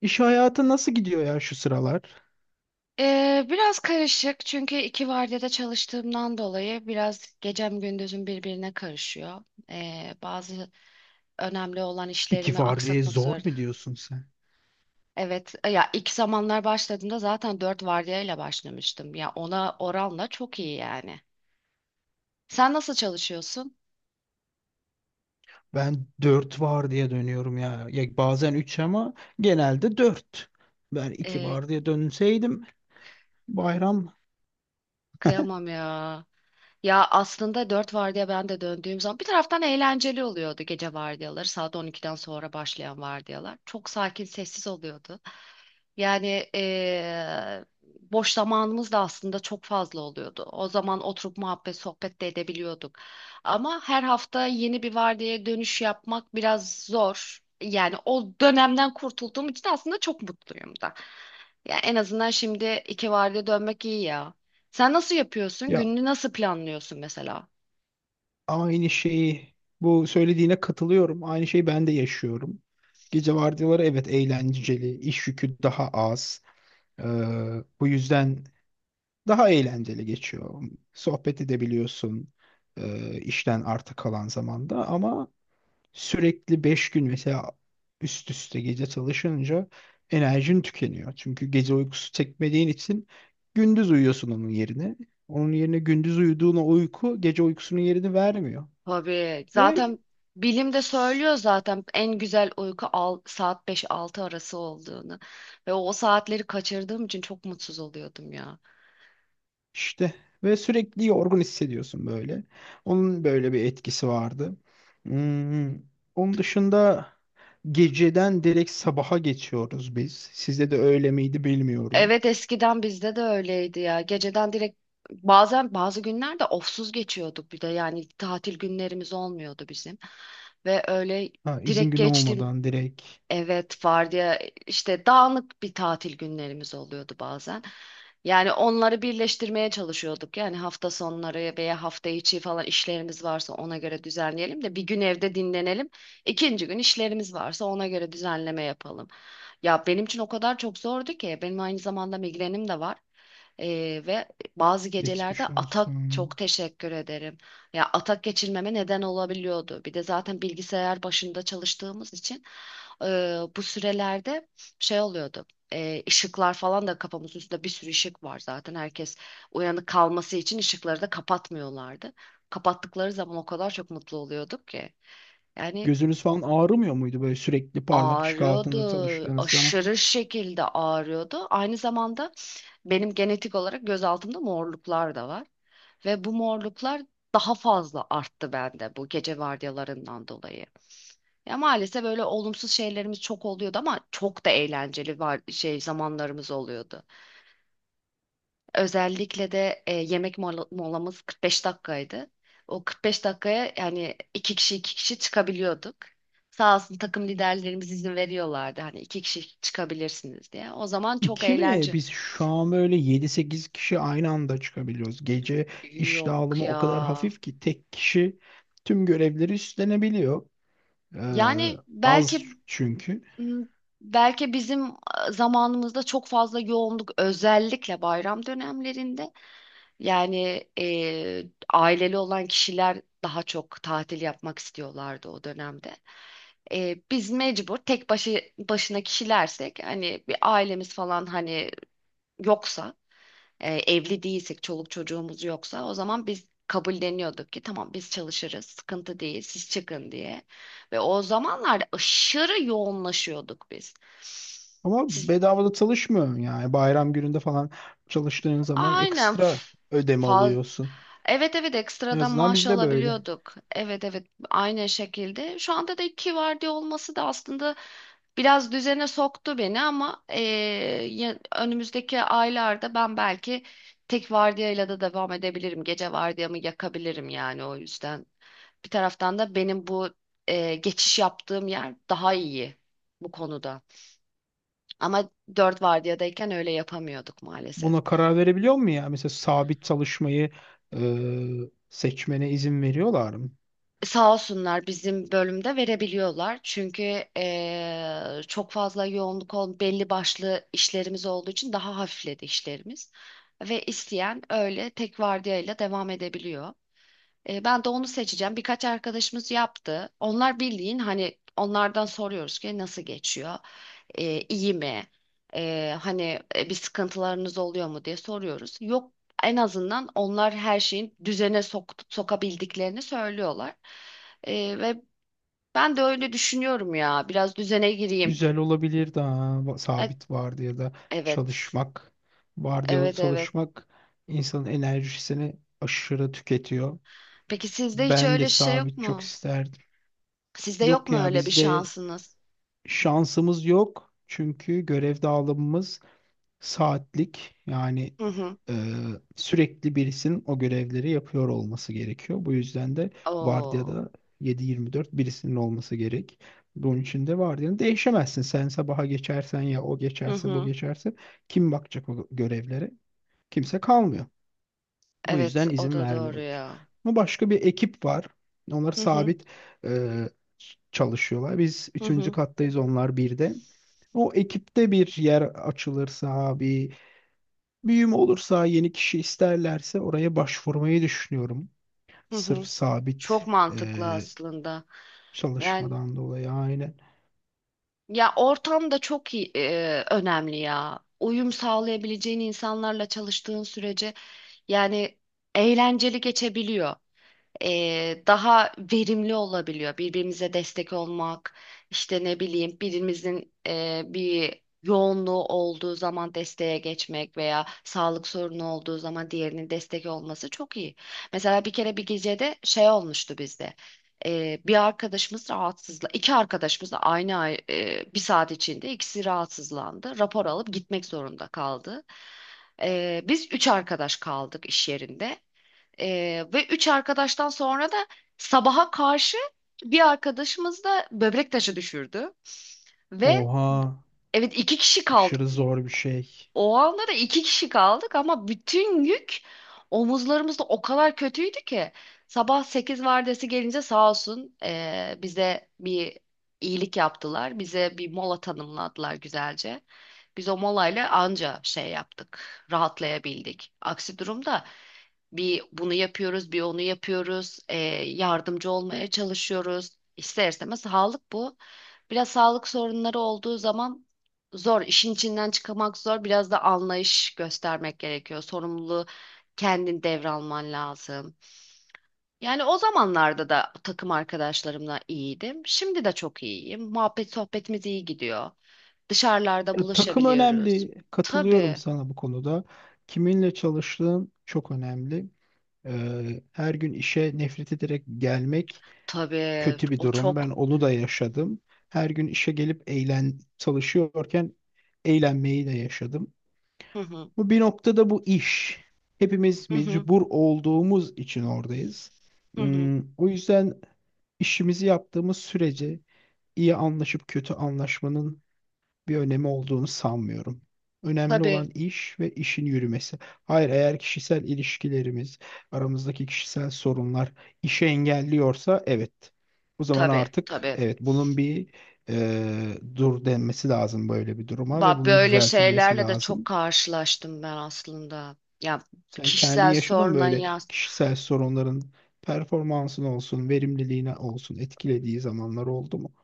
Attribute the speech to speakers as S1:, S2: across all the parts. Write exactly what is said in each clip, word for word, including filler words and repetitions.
S1: İş hayatı nasıl gidiyor ya şu sıralar?
S2: Ee, biraz karışık çünkü iki vardiyada çalıştığımdan dolayı biraz gecem gündüzüm birbirine karışıyor. Ee, bazı önemli olan
S1: İki
S2: işlerimi
S1: vardiya
S2: aksatmak
S1: zor
S2: zorunda.
S1: mu diyorsun sen?
S2: Evet, e, ya ilk zamanlar başladığımda zaten dört vardiyayla başlamıştım. Ya ona oranla çok iyi yani. Sen nasıl çalışıyorsun?
S1: Ben dört vardiya dönüyorum ya. Ya bazen üç ama genelde dört. Ben iki
S2: Ee,
S1: vardiya dönseydim bayram.
S2: Kıyamam ya. Ya aslında dört vardiya ben de döndüğüm zaman bir taraftan eğlenceli oluyordu gece vardiyaları. Saat on iki'den sonra başlayan vardiyalar. Çok sakin, sessiz oluyordu. Yani eee, boş zamanımız da aslında çok fazla oluyordu. O zaman oturup muhabbet, sohbet de edebiliyorduk. Ama her hafta yeni bir vardiyaya dönüş yapmak biraz zor. Yani o dönemden kurtulduğum için aslında çok mutluyum da. Yani en azından şimdi iki vardiya dönmek iyi ya. Sen nasıl yapıyorsun?
S1: Ya,
S2: Gününü nasıl planlıyorsun mesela?
S1: aynı şeyi bu söylediğine katılıyorum. Aynı şeyi ben de yaşıyorum. Gece vardiyaları evet eğlenceli, iş yükü daha az. Ee, Bu yüzden daha eğlenceli geçiyor. Sohbet edebiliyorsun e, işten arta kalan zamanda ama sürekli beş gün mesela üst üste gece çalışınca enerjin tükeniyor. Çünkü gece uykusu çekmediğin için gündüz uyuyorsun onun yerine. Onun yerine gündüz uyuduğuna uyku gece uykusunun yerini vermiyor.
S2: Tabii.
S1: Ve
S2: Zaten bilim de
S1: s-
S2: söylüyor zaten en güzel uyku al, saat beş-altı arası olduğunu. Ve o saatleri kaçırdığım için çok mutsuz oluyordum ya.
S1: işte ve sürekli yorgun hissediyorsun böyle. Onun böyle bir etkisi vardı. Hmm, Onun dışında geceden direkt sabaha geçiyoruz biz. Sizde de öyle miydi bilmiyorum.
S2: Evet, eskiden bizde de öyleydi ya. Geceden direkt bazen bazı günlerde ofsuz geçiyorduk bir de, yani tatil günlerimiz olmuyordu bizim. Ve öyle
S1: Ha, izin
S2: direkt
S1: günü
S2: geçtim.
S1: olmadan direkt.
S2: Evet, vardiya işte dağınık bir tatil günlerimiz oluyordu bazen. Yani onları birleştirmeye çalışıyorduk. Yani hafta sonları veya hafta içi falan işlerimiz varsa ona göre düzenleyelim de bir gün evde dinlenelim. İkinci gün işlerimiz varsa ona göre düzenleme yapalım. Ya benim için o kadar çok zordu ki, benim aynı zamanda migrenim de var. Ee, ve bazı gecelerde
S1: Geçmiş
S2: atak çok
S1: olsun.
S2: teşekkür ederim. Ya atak geçirmeme neden olabiliyordu. Bir de zaten bilgisayar başında çalıştığımız için e, bu sürelerde şey oluyordu. E, ışıklar falan da, kafamızın üstünde bir sürü ışık var zaten. Herkes uyanık kalması için ışıkları da kapatmıyorlardı. Kapattıkları zaman o kadar çok mutlu oluyorduk ki. Yani
S1: Gözünüz falan ağrımıyor muydu böyle sürekli parlak ışık
S2: ağrıyordu,
S1: altında çalıştığınız zaman?
S2: aşırı şekilde ağrıyordu. Aynı zamanda benim genetik olarak göz altımda morluklar da var. Ve bu morluklar daha fazla arttı bende, bu gece vardiyalarından dolayı. Ya maalesef böyle olumsuz şeylerimiz çok oluyordu ama çok da eğlenceli var şey zamanlarımız oluyordu. Özellikle de e, yemek mola- molamız kırk beş dakikaydı. O kırk beş dakikaya yani iki kişi iki kişi çıkabiliyorduk. Sağ olsun takım liderlerimiz izin veriyorlardı, hani iki kişi çıkabilirsiniz diye. O zaman çok
S1: İki mi?
S2: eğlence.
S1: Biz şu an böyle yedi sekiz kişi aynı anda çıkabiliyoruz. Gece iş
S2: Yok
S1: dağılımı
S2: ya.
S1: o kadar hafif ki tek kişi tüm görevleri üstlenebiliyor. Ee,
S2: Yani
S1: Az
S2: belki,
S1: çünkü.
S2: belki bizim e, zamanımızda çok fazla yoğunluk, özellikle bayram dönemlerinde, yani e, aileli olan kişiler daha çok tatil yapmak istiyorlardı o dönemde. E, biz mecbur tek başı başına kişilersek, hani bir ailemiz falan, hani yoksa, e, evli değilsek, çoluk çocuğumuz yoksa, o zaman biz kabulleniyorduk ki tamam biz çalışırız, sıkıntı değil, siz çıkın diye. Ve o zamanlarda aşırı yoğunlaşıyorduk biz.
S1: Ama
S2: Siz
S1: bedavada çalışmıyor yani. Bayram gününde falan çalıştığın zaman
S2: aynen
S1: ekstra
S2: f-
S1: ödeme
S2: fa-
S1: alıyorsun.
S2: evet, evet,
S1: En
S2: ekstradan
S1: azından
S2: maaş
S1: bizde böyle.
S2: alabiliyorduk. Evet, evet, aynı şekilde. Şu anda da iki vardiya olması da aslında biraz düzene soktu beni ama eee, ya- önümüzdeki aylarda ben belki tek vardiyayla da devam edebilirim. Gece vardiyamı yakabilirim, yani o yüzden. Bir taraftan da benim bu eee, geçiş yaptığım yer daha iyi bu konuda. Ama dört vardiyadayken öyle yapamıyorduk maalesef.
S1: Buna karar verebiliyor mu ya? Mesela sabit çalışmayı e, seçmene izin veriyorlar mı?
S2: Sağ olsunlar bizim bölümde verebiliyorlar. Çünkü eee, çok fazla yoğunluk ol, belli başlı işlerimiz olduğu için daha hafifledi işlerimiz. Ve isteyen öyle tek vardiyayla devam edebiliyor. E, ben de onu seçeceğim. Birkaç arkadaşımız yaptı. Onlar bildiğin hani, onlardan soruyoruz ki nasıl geçiyor? E, iyi mi? E, hani e, bir sıkıntılarınız oluyor mu diye soruyoruz. Yok, en azından onlar her şeyin düzene sok sokabildiklerini söylüyorlar. E, ve ben de öyle düşünüyorum ya. Biraz düzene gireyim.
S1: Güzel olabilir daha
S2: E,
S1: sabit vardiyada
S2: evet.
S1: çalışmak. Vardiyalı
S2: Evet, evet.
S1: çalışmak insanın enerjisini aşırı tüketiyor.
S2: Peki sizde hiç
S1: Ben de
S2: öyle şey yok
S1: sabit çok
S2: mu?
S1: isterdim.
S2: Sizde yok
S1: Yok
S2: mu
S1: ya,
S2: öyle bir
S1: bizde
S2: şansınız?
S1: şansımız yok. Çünkü görev dağılımımız saatlik yani
S2: Hı hı.
S1: e, sürekli birisinin o görevleri yapıyor olması gerekiyor. Bu yüzden de
S2: Oo.
S1: vardiyada yedi yirmi dört birisinin olması gerek. Bunun için de vardiyanı değişemezsin. Sen sabaha geçersen ya o
S2: Hı
S1: geçerse bu
S2: hı.
S1: geçerse kim bakacak o görevlere? Kimse kalmıyor. O
S2: Evet,
S1: yüzden
S2: o
S1: izin
S2: da doğru
S1: vermiyorlar.
S2: ya.
S1: Ama başka bir ekip var. Onlar
S2: Hı hı,
S1: sabit e, çalışıyorlar. Biz
S2: hı
S1: üçüncü
S2: hı,
S1: kattayız, onlar birde. O ekipte bir yer açılırsa, bir büyüm olursa, yeni kişi isterlerse oraya başvurmayı düşünüyorum.
S2: hı
S1: Sırf
S2: hı.
S1: sabit
S2: Çok mantıklı
S1: eee,
S2: aslında. Yani
S1: çalışmadan dolayı, aynen.
S2: ya ortam da çok iyi, e, önemli ya. Uyum sağlayabileceğin insanlarla çalıştığın sürece yani eğlenceli geçebiliyor. E, daha verimli olabiliyor. Birbirimize destek olmak, işte ne bileyim birimizin e, bir yoğunluğu olduğu zaman desteğe geçmek veya sağlık sorunu olduğu zaman diğerinin destek olması çok iyi. Mesela bir kere bir gecede şey olmuştu bizde. E, bir arkadaşımız rahatsızla, iki arkadaşımız da aynı ay- e, bir saat içinde ikisi rahatsızlandı. Rapor alıp gitmek zorunda kaldı. E, biz üç arkadaş kaldık iş yerinde. Ee, ve üç arkadaştan sonra da sabaha karşı bir arkadaşımız da böbrek taşı düşürdü. Ve
S1: Oha,
S2: evet, iki kişi kaldık,
S1: aşırı zor bir şey.
S2: o anda da iki kişi kaldık ama bütün yük omuzlarımızda, o kadar kötüydü ki. Sabah sekiz vardiyası gelince sağ olsun eee, bize bir iyilik yaptılar. Bize bir mola tanımladılar güzelce. Biz o molayla anca şey yaptık, rahatlayabildik. Aksi durumda bir bunu yapıyoruz, bir onu yapıyoruz, eee, yardımcı olmaya çalışıyoruz. İster istemez sağlık bu. Biraz sağlık sorunları olduğu zaman zor, işin içinden çıkamak zor. Biraz da anlayış göstermek gerekiyor. Sorumluluğu kendin devralman lazım. Yani o zamanlarda da takım arkadaşlarımla iyiydim. Şimdi de çok iyiyim. Muhabbet sohbetimiz iyi gidiyor. Dışarılarda
S1: Ya, takım
S2: buluşabiliyoruz.
S1: önemli. Katılıyorum
S2: Tabii,
S1: sana bu konuda. Kiminle çalıştığın çok önemli. Eee, her gün işe nefret ederek gelmek
S2: tabii.
S1: kötü bir
S2: O
S1: durum. Ben
S2: çok.
S1: onu da yaşadım. Her gün işe gelip eğlen çalışıyorken eğlenmeyi de yaşadım.
S2: Hı hı,
S1: Bu bir noktada bu iş. Hepimiz
S2: hı hı,
S1: mecbur olduğumuz için oradayız.
S2: hı hı.
S1: Hmm, o yüzden işimizi yaptığımız sürece iyi anlaşıp kötü anlaşmanın bir önemi olduğunu sanmıyorum. Önemli
S2: Tabii,
S1: olan iş ve işin yürümesi. Hayır, eğer kişisel ilişkilerimiz, aramızdaki kişisel sorunlar işe engelliyorsa evet. O zaman
S2: tabii,
S1: artık
S2: tabii.
S1: evet bunun bir e, dur denmesi lazım böyle bir duruma ve
S2: Bak
S1: bunun
S2: böyle
S1: düzeltilmesi
S2: şeylerle de çok
S1: lazım.
S2: karşılaştım ben aslında. Ya
S1: Sen kendin
S2: kişisel
S1: yaşadın
S2: soruna
S1: böyle
S2: ya…
S1: kişisel sorunların performansın olsun, verimliliğine olsun etkilediği zamanlar oldu mu?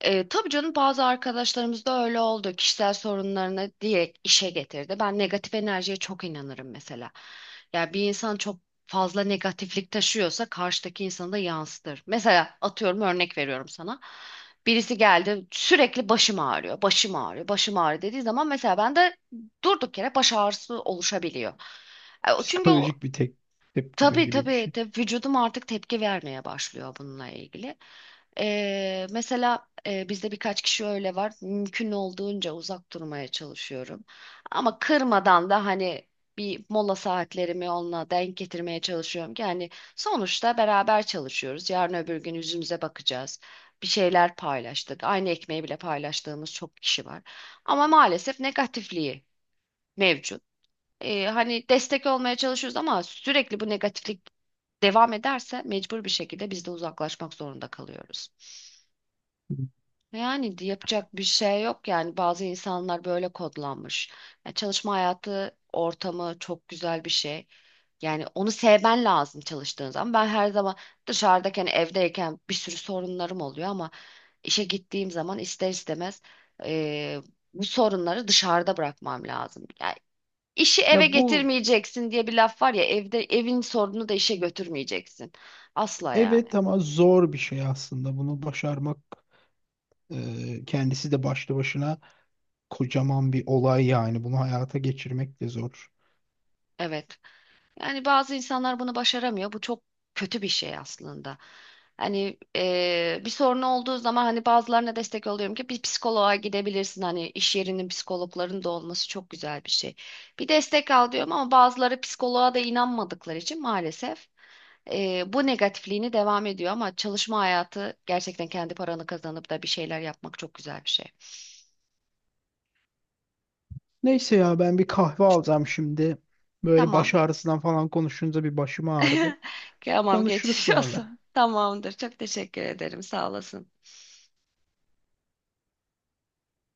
S2: E, tabii canım, bazı arkadaşlarımız da öyle oldu. Kişisel sorunlarını direkt işe getirdi. Ben negatif enerjiye çok inanırım mesela. Yani bir insan çok fazla negatiflik taşıyorsa karşıdaki insanı da yansıtır. Mesela atıyorum, örnek veriyorum sana. Birisi geldi sürekli başım ağrıyor, başım ağrıyor, başım ağrıyor dediği zaman, mesela bende durduk yere baş ağrısı oluşabiliyor. E, o- Çünkü o…
S1: Psikolojik bir tek tepkime gibi
S2: Tabii,
S1: gibi bir
S2: tabii,
S1: şey.
S2: tabii, vücudum artık tepki vermeye başlıyor bununla ilgili. Ee, mesela e, bizde birkaç kişi öyle var. Mümkün olduğunca uzak durmaya çalışıyorum. Ama kırmadan da, hani bir mola saatlerimi onunla denk getirmeye çalışıyorum ki hani sonuçta beraber çalışıyoruz. Yarın öbür gün yüzümüze bakacağız. Bir şeyler paylaştık. Aynı ekmeği bile paylaştığımız çok kişi var. Ama maalesef negatifliği mevcut. Ee, hani destek olmaya çalışıyoruz ama sürekli bu negatiflik devam ederse mecbur bir şekilde biz de uzaklaşmak zorunda kalıyoruz.
S1: Hı.
S2: Yani di- yapacak bir şey yok, yani bazı insanlar böyle kodlanmış. Ya çalışma hayatı ortamı çok güzel bir şey. Yani onu sevmen lazım çalıştığın zaman. Ben her zaman dışarıdayken, evdeyken bir sürü sorunlarım oluyor ama işe gittiğim zaman ister istemez eee, bu sorunları dışarıda bırakmam lazım. İşi eve
S1: Ya bu,
S2: getirmeyeceksin diye bir laf var ya, evde evin sorununu da işe götürmeyeceksin. Asla yani.
S1: evet ama zor bir şey aslında. Bunu başarmak e, kendisi de başlı başına kocaman bir olay yani. Bunu hayata geçirmek de zor.
S2: Evet. Yani bazı insanlar bunu başaramıyor. Bu çok kötü bir şey aslında. Hani eee, bir sorun olduğu zaman, hani bazılarına destek oluyorum ki bir psikoloğa gidebilirsin. Hani iş yerinin psikologların da olması çok güzel bir şey. Bir destek al diyorum ama bazıları psikoloğa da inanmadıkları için maalesef… Ee, bu negatifliğini devam ediyor ama çalışma hayatı gerçekten kendi paranı kazanıp da bir şeyler yapmak çok güzel bir şey.
S1: Neyse ya, ben bir kahve alacağım şimdi. Böyle baş
S2: Tamam.
S1: ağrısından falan konuşunca bir başım ağrıdı.
S2: Tamam,
S1: Konuşuruz
S2: geçiş
S1: sonra.
S2: olsun. Tamamdır. Çok teşekkür ederim. Sağ olasın.